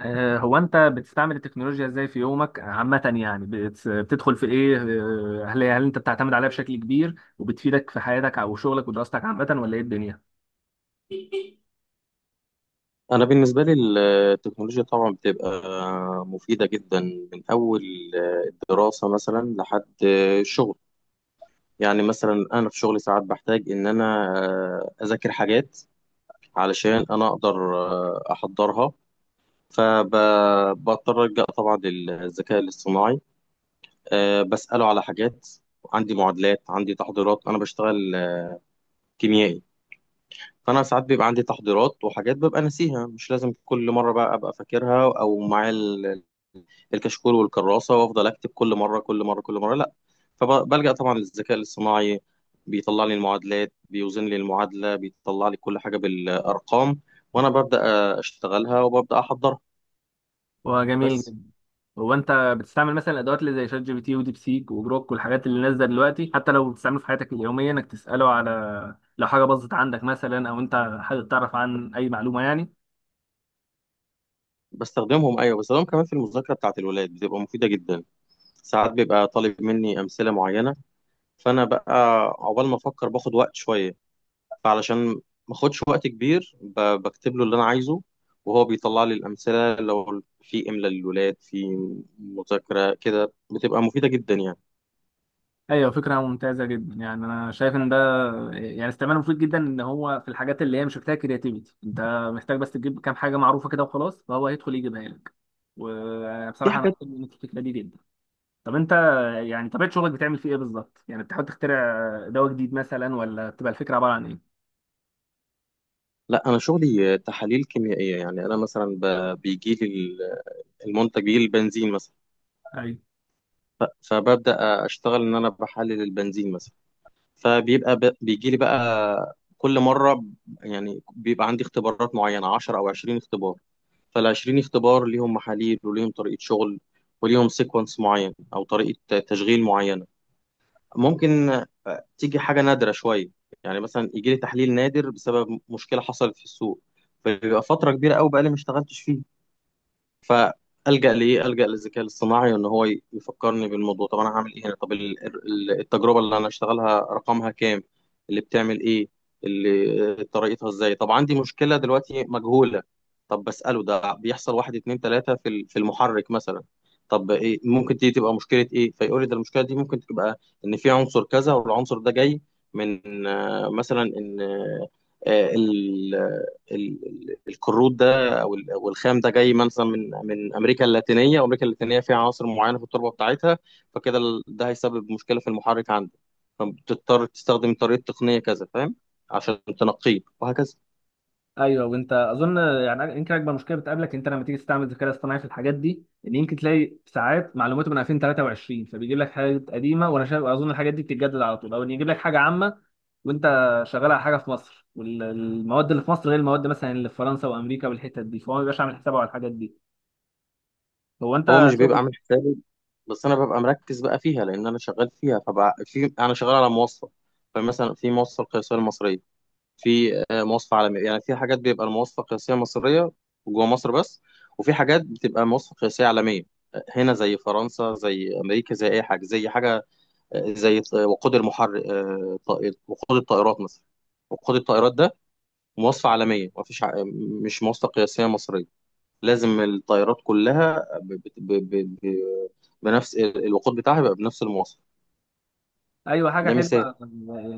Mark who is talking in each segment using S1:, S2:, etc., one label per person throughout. S1: هو انت بتستعمل التكنولوجيا ازاي في يومك عامة؟ يعني بتدخل في ايه؟ هل انت بتعتمد عليها بشكل كبير وبتفيدك في حياتك او شغلك ودراستك عامة، ولا ايه الدنيا؟
S2: أنا بالنسبة لي التكنولوجيا طبعا بتبقى مفيدة جدا من أول الدراسة مثلا لحد الشغل. يعني مثلا أنا في شغلي ساعات بحتاج إن أنا أذاكر حاجات علشان أنا أقدر أحضرها، فبضطر ألجأ طبعا للذكاء الاصطناعي. بسأله على حاجات عندي، معادلات عندي، تحضيرات. أنا بشتغل كيميائي، فانا ساعات بيبقى عندي تحضيرات وحاجات ببقى ناسيها، مش لازم كل مره بقى ابقى فاكرها او معايا الكشكول والكراسه وافضل اكتب كل مره كل مره كل مره، لا. فبلجأ طبعا للذكاء الاصطناعي، بيطلع لي المعادلات، بيوزن لي المعادله، بيطلع لي كل حاجه بالارقام، وانا ببدأ اشتغلها وببدأ احضرها
S1: هو جميل
S2: بس.
S1: جدا. هو انت بتستعمل مثلا الادوات اللي زي شات جي بي تي وديب سيك وجروك والحاجات اللي نازله دلوقتي، حتى لو بتستعمله في حياتك اليوميه انك تساله على، لو حاجه باظت عندك مثلا، او انت حابب تعرف عن اي معلومه يعني.
S2: بستخدمهم، ايوه، بستخدمهم كمان في المذاكره بتاعه الولاد، بتبقى مفيده جدا. ساعات بيبقى طالب مني امثله معينه، فانا بقى عقبال ما افكر باخد وقت شويه، فعلشان ما اخدش وقت كبير بكتب له اللي انا عايزه وهو بيطلع لي الامثله. لو في املاء للولاد في مذاكره كده بتبقى مفيده جدا يعني.
S1: ايوه، فكره ممتازه جدا. يعني انا شايف ان ده يعني استعمال مفيد جدا، ان هو في الحاجات اللي هي مش محتاجه كرياتيفيتي، انت محتاج بس تجيب كام حاجه معروفه كده وخلاص، فهو هيدخل يجيبها لك.
S2: في
S1: وبصراحه انا
S2: حاجات
S1: أحب منك الفكره دي جدا. طب انت، يعني طبيعه شغلك بتعمل فيه ايه بالظبط؟ يعني بتحاول تخترع دواء جديد مثلا، ولا بتبقى الفكره عباره عن ايه؟
S2: لا. انا شغلي تحاليل كيميائيه، يعني انا مثلا بيجي لي المنتج، بيجي لي البنزين مثلا.
S1: ايوه،
S2: ف- فببدا اشتغل ان انا بحلل البنزين مثلا. فبيبقى بيجي لي بقى كل مره، يعني بيبقى عندي اختبارات معينه 10 او 20 اختبار، فالعشرين اختبار ليهم محاليل وليهم طريقة شغل وليهم سيكونس معين أو طريقة تشغيل معينة. ممكن تيجي حاجة نادرة شوية، يعني مثلا يجي لي تحليل نادر بسبب مشكلة حصلت في السوق، فبيبقى فترة كبيرة أوي بقالي ما اشتغلتش فيه. فالجا لايه؟ الجا للذكاء الاصطناعي ان هو يفكرني بالموضوع. طب انا هعمل ايه هنا؟ طب التجربه اللي انا هشتغلها رقمها كام؟ اللي بتعمل ايه؟ اللي طريقتها ازاي؟ طب عندي مشكله دلوقتي مجهوله، طب بساله ده بيحصل واحد اتنين تلاته في في المحرك مثلا، طب ايه ممكن دي تبقى مشكله ايه؟ فيقول لي ده المشكله دي ممكن تبقى ان في عنصر كذا، والعنصر ده جاي من مثلا ان آه، ال- ال- الكروت او والخام ده جاي مثلا من من امريكا اللاتينيه، وامريكا اللاتينيه فيها عناصر معينه في التربه بتاعتها، فكده ده هيسبب مشكله في المحرك عندك، فبتضطر تستخدم طريقه تقنيه كذا، فاهم؟ عشان تنقيه وهكذا.
S1: ايوه. وانت اظن يعني يمكن اكبر مشكله بتقابلك انت لما تيجي تستعمل الذكاء الاصطناعي في الحاجات دي، ان يمكن تلاقي ساعات معلوماته من 2023، فبيجيب لك حاجات قديمه، وانا شايف اظن الحاجات دي بتتجدد على طول، او ان يجيب لك حاجه عامه. وانت شغال على حاجه في مصر، والمواد اللي في مصر غير المواد مثلا اللي في فرنسا وامريكا والحتت دي، فهو ما بيبقاش عامل حسابه على الحاجات دي. هو
S2: هو
S1: انت
S2: مش بيبقى
S1: شغل.
S2: عامل حسابي بس انا ببقى مركز بقى فيها لان انا شغال فيها. فبقى في، انا شغال على موصل، فمثلا في موصل قياسيه المصريه، في مواصفة عالمية. يعني في حاجات بيبقى المواصفة القياسية مصرية جوه مصر بس، وفي حاجات بتبقى مواصفة قياسية عالمية، هنا زي فرنسا زي أمريكا زي أي حاجة زي حاجة، زي وقود المحرك، وقود الطائرات مثلا. وقود الطائرات ده مواصفة عالمية، مفيش مش مواصفة قياسية مصرية، لازم الطائرات كلها بنفس الوقود بتاعها، يبقى بنفس المواصفة.
S1: ايوه، حاجه
S2: ده
S1: حلوه.
S2: مثال.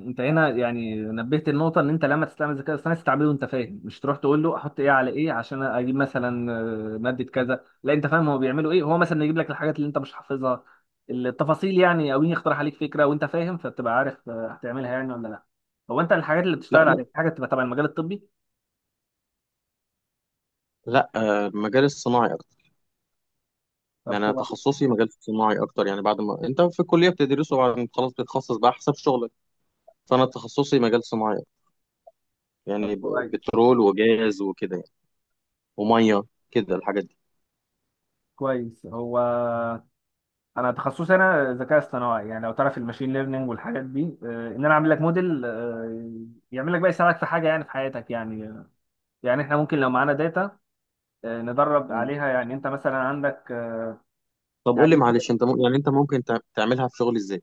S1: انت هنا يعني نبهت النقطه ان انت لما تستعمل الذكاء الاصطناعي، تستعمله وانت فاهم، مش تروح تقول له احط ايه على ايه عشان اجيب مثلا ماده كذا. لا، انت فاهم هو بيعملوا ايه. هو مثلا يجيب لك الحاجات اللي انت مش حافظها، التفاصيل يعني، او يقترح عليك فكره وانت فاهم، فبتبقى عارف هتعملها يعني ولا لا. هو انت الحاجات اللي
S2: لا
S1: بتشتغل
S2: لا
S1: عليها حاجه بتبقى تبع المجال الطبي؟
S2: لا، المجال الصناعي.
S1: طب
S2: يعني انا
S1: كويس.
S2: تخصصي مجال صناعي اكتر، يعني بعد ما انت في الكليه بتدرسه، بعد ما خلاص بتتخصص بقى حسب شغلك، فانا تخصصي مجال صناعي أكتر،
S1: طب
S2: يعني
S1: كويس.
S2: بترول وجاز وكده يعني، وميه كده الحاجات دي.
S1: كويس. هو انا تخصصي انا ذكاء اصطناعي، يعني لو تعرف الماشين ليرنينج والحاجات دي، ان انا اعمل لك موديل، يعمل لك بقى يساعدك في حاجه يعني في حياتك يعني. يعني احنا ممكن لو معانا داتا ندرب
S2: مم.
S1: عليها، يعني انت مثلا عندك
S2: طب قول لي
S1: يعني كده.
S2: معلش، انت يعني انت ممكن تعملها في شغل ازاي؟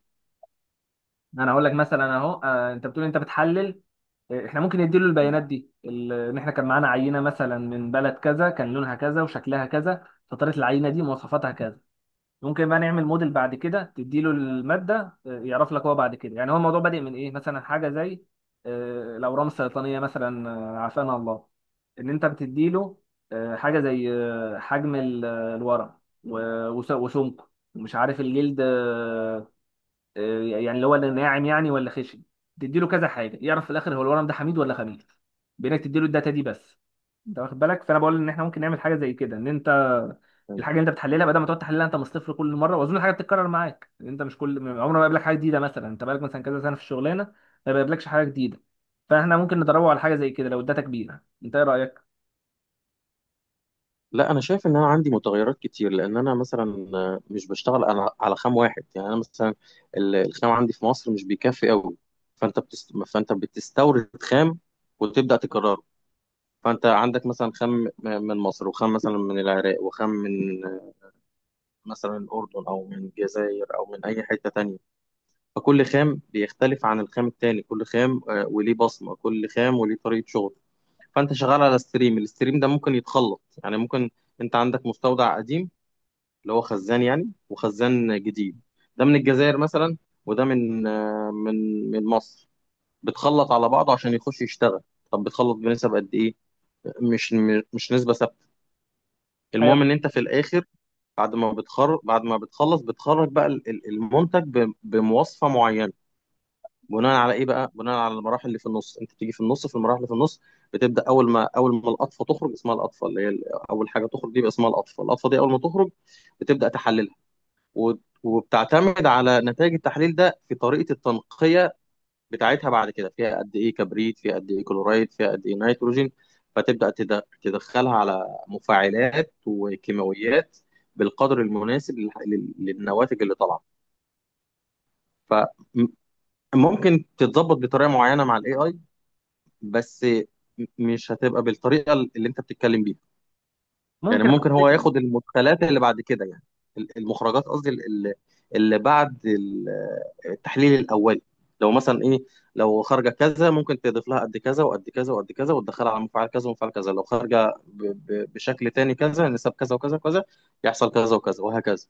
S1: انا اقول لك مثلا اهو، انت بتقول انت بتحلل، احنا ممكن نديله
S2: مم.
S1: البيانات دي ان احنا كان معانا عينه مثلا من بلد كذا، كان لونها كذا وشكلها كذا، فطريقه العينه دي مواصفاتها كذا. ممكن بقى نعمل موديل بعد كده تديله المادة، يعرف لك هو بعد كده، يعني هو الموضوع بادئ من ايه. مثلا حاجة زي الأورام السرطانية مثلا، عافانا الله، ان انت بتديله حاجة زي حجم الورق وسمكه، ومش عارف الجلد، يعني اللي هو اللي ناعم يعني ولا خشن. تديله كذا حاجة يعرف في الآخر هو الورم ده حميد ولا خبيث، بإنك تديله الداتا دي بس. انت واخد بالك؟ فانا بقول ان احنا ممكن نعمل حاجه زي كده، ان انت
S2: تمام.
S1: الحاجه اللي انت بتحللها، بدل ما تقعد تحللها انت من الصفر كل مره، واظن الحاجه بتتكرر معاك، انت مش كل عمر ما بيقابلك حاجه جديده، مثلا انت بقالك مثلا كذا سنه في الشغلانه، ما بيقابلكش حاجه جديده. فاحنا ممكن ندربه على حاجه زي كده لو الداتا كبيره. انت ايه رايك؟
S2: لا انا شايف ان انا عندي متغيرات كتير، لان انا مثلا مش بشتغل انا على خام واحد. يعني انا مثلا الخام عندي في مصر مش بيكفي قوي، فانت بتستورد خام وتبدا تكرره. فانت عندك مثلا خام من مصر، وخام مثلا من العراق، وخام من مثلا الاردن، او من الجزائر، او من اي حته تانية. فكل خام بيختلف عن الخام التاني، كل خام وليه بصمه، كل خام وليه طريقه شغل. فانت شغال على ستريم، الستريم ده ممكن يتخلط، يعني ممكن انت عندك مستودع قديم اللي هو خزان يعني، وخزان جديد. ده من الجزائر مثلا، وده من من مصر، بتخلط على بعضه عشان يخش يشتغل. طب بتخلط بنسب قد ايه؟ مش مش نسبه ثابته. المهم
S1: ايوه،
S2: ان انت في الاخر، بعد ما بتخرج، بعد ما بتخلص، بتخرج بقى المنتج بمواصفه معينه. بناء على ايه بقى؟ بناء على المراحل اللي في النص، انت بتيجي في النص في المراحل اللي في النص بتبدا. اول ما اول ما القطفه تخرج، اسمها القطفه اللي هي اول حاجه تخرج دي بقى اسمها القطفه. القطفه دي اول ما تخرج بتبدا تحللها، وبتعتمد على نتائج التحليل ده في طريقه التنقيه بتاعتها بعد كده. فيها قد ايه كبريت، فيها قد ايه كلورايد، فيها قد ايه نيتروجين، فتبدأ تدخلها على مفاعلات وكيماويات بالقدر المناسب للنواتج اللي طالعه. فممكن تتظبط بطريقه معينه مع الاي اي بس، مش هتبقى بالطريقه اللي انت بتتكلم بيها. يعني
S1: ممكن. على
S2: ممكن هو
S1: فكره،
S2: ياخد المدخلات اللي بعد كده، يعني المخرجات قصدي، اللي بعد التحليل الاولي. لو مثلا ايه، لو خارجه كذا، ممكن تضيف لها قد كذا وقد كذا وقد كذا، وتدخلها على مفعل كذا ومفعل كذا. لو خارجه بشكل تاني كذا، يعني نسب كذا وكذا وكذا، يحصل كذا وكذا وهكذا.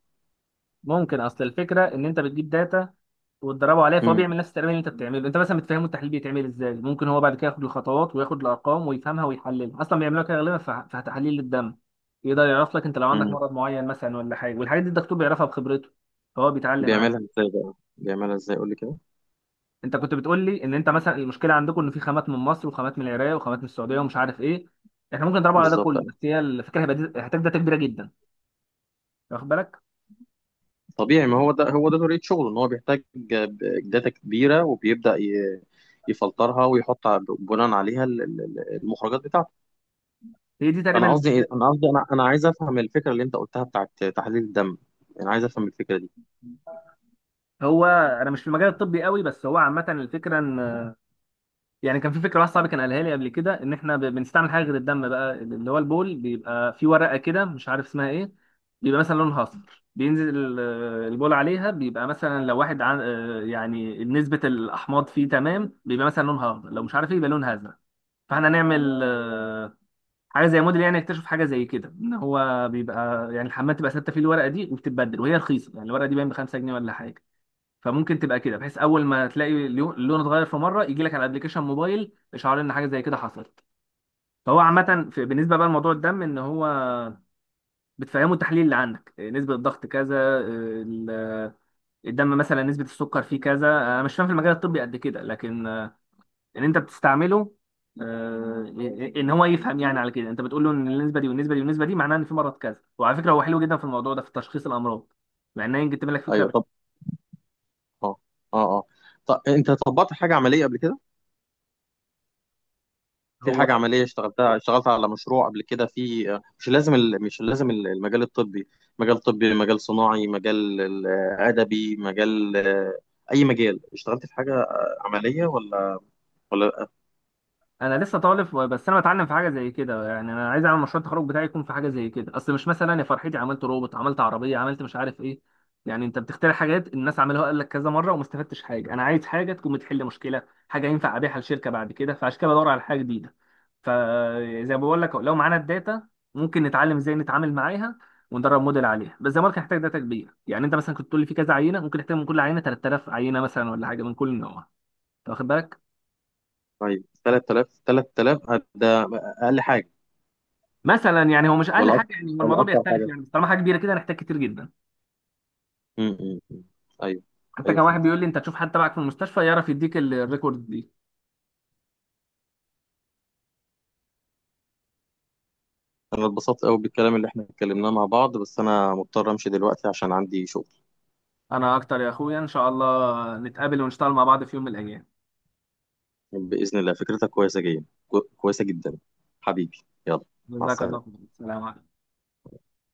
S1: ممكن. اصل الفكره ان انت بتجيب داتا وتدربه عليها، فهو
S2: امم.
S1: بيعمل نفس التمرين اللي انت بتعمله. انت مثلا بتفهمه التحليل بيتعمل ازاي، ممكن هو بعد كده ياخد الخطوات وياخد الارقام ويفهمها ويحللها. اصلا بيعملوها كده غالبا في تحاليل الدم، يقدر يعرف لك انت لو عندك
S2: امم.
S1: مرض معين مثلا ولا حاجه، والحاجات دي الدكتور بيعرفها بخبرته، فهو بيتعلم
S2: بيعملها
S1: عليها.
S2: ازاي بقى؟ بيعملها ازاي؟ قول لي كده.
S1: انت كنت بتقول لي ان انت مثلا المشكله عندكم ان في خامات من مصر وخامات من العراق وخامات من السعوديه ومش عارف ايه، احنا ممكن نضربه على ده
S2: بالظبط،
S1: كله، بس هي الفكره هيبقى هتبقى كبيره جدا. واخد بالك؟
S2: طبيعي، ما هو ده، هو ده طريقة شغله، ان هو بيحتاج داتا كبيرة وبيبدأ يفلترها ويحط بناء عليها المخرجات بتاعته.
S1: هي دي تقريبا
S2: انا قصدي إيه؟
S1: المشكله.
S2: انا قصدي، انا عايز افهم الفكرة اللي انت قلتها بتاعت تحليل الدم، انا عايز افهم الفكرة دي.
S1: هو انا مش في المجال الطبي قوي، بس هو عامه الفكره ان، يعني كان في فكره واحد صاحبي كان قالها لي قبل كده، ان احنا بنستعمل حاجه غير الدم بقى، اللي هو البول. بيبقى في ورقه كده مش عارف اسمها ايه، بيبقى مثلا لونها اصفر، بينزل البول عليها، بيبقى مثلا لو واحد عن، يعني نسبه الاحماض فيه تمام، بيبقى مثلا لونها اخضر، لو مش عارف ايه يبقى لونها ازرق. فاحنا هنعمل حاجه زي موديل، يعني اكتشف حاجه زي كده ان هو بيبقى، يعني الحمام تبقى ثابته فيه الورقه دي وبتتبدل، وهي رخيصه يعني الورقه دي باين ب 5 جنيه ولا حاجه، فممكن تبقى كده بحيث اول ما تلاقي اللون اتغير في مره، يجي لك على الابلكيشن موبايل اشعار ان حاجه زي كده حصلت. فهو عامه بالنسبه بقى لموضوع الدم، ان هو بتفهمه التحليل اللي عندك، نسبه الضغط كذا، ال- الدم مثلا نسبه السكر فيه كذا، انا مش فاهم في المجال الطبي قد كده، لكن ان انت بتستعمله آه، ان هو يفهم، يعني على كده انت بتقول له ان النسبه دي والنسبه دي والنسبه دي معناها ان في مرض كذا. وعلى فكره هو حلو جدا في الموضوع ده، في تشخيص الامراض، مع انه يمكن تبان لك
S2: ايوه،
S1: فكره.
S2: طب. اه اه اه. طب انت طبقت حاجة عملية قبل كده؟ في حاجة
S1: هو
S2: عملية اشتغلتها؟ اشتغلت على مشروع قبل كده في، مش لازم مش لازم المجال الطبي، مجال طبي، مجال صناعي، مجال أدبي، مجال أي مجال. اشتغلت في حاجة عملية ولا ولا لأ؟
S1: انا لسه طالب، بس انا بتعلم في حاجه زي كده. يعني انا عايز اعمل مشروع التخرج بتاعي يكون في حاجه زي كده، اصل مش مثلا يا فرحتي عملت روبوت، عملت عربيه، عملت مش عارف ايه، يعني انت بتخترع حاجات الناس عملوها قال لك كذا مره وما استفدتش حاجه. انا عايز حاجه تكون بتحل مشكله، حاجه ينفع ابيعها لشركه بعد كده، فعشان كده بدور على حاجه جديده. فزي ما بقول لك، لو معانا الداتا ممكن نتعلم ازاي نتعامل معاها وندرب موديل عليها، بس زي ما قلت هنحتاج داتا كبيره. يعني انت مثلا كنت تقول لي في كذا عينه، ممكن نحتاج من كل عينه 3000 عينه مثلا ولا حاجه، من كل نوع. أنت واخد بالك؟
S2: طيب، 3000 ده أقل حاجة
S1: مثلا يعني، هو مش اقل
S2: ولا أكتر؟
S1: حاجه يعني، هو
S2: ولا
S1: الموضوع
S2: أكتر
S1: بيختلف
S2: حاجة؟
S1: يعني، بس طالما حاجه كبيره كده هنحتاج كتير جدا.
S2: م- م- م. أيوه.
S1: حتى كان
S2: أيوه، فهمت.
S1: واحد بيقول لي انت تشوف حد تبعك في المستشفى يعرف يديك الريكورد دي.
S2: أنا اتبسطت قوي بالكلام اللي احنا اتكلمناه مع بعض، بس أنا مضطر أمشي دلوقتي عشان عندي شغل.
S1: انا اكتر يا اخويا، ان شاء الله نتقابل ونشتغل مع بعض في يوم من الايام.
S2: بإذن الله، فكرتك كويسة جدا، كويسة جدا، حبيبي، يلا، مع
S1: جزاك الله
S2: السلامة.
S1: خير، السلام عليكم.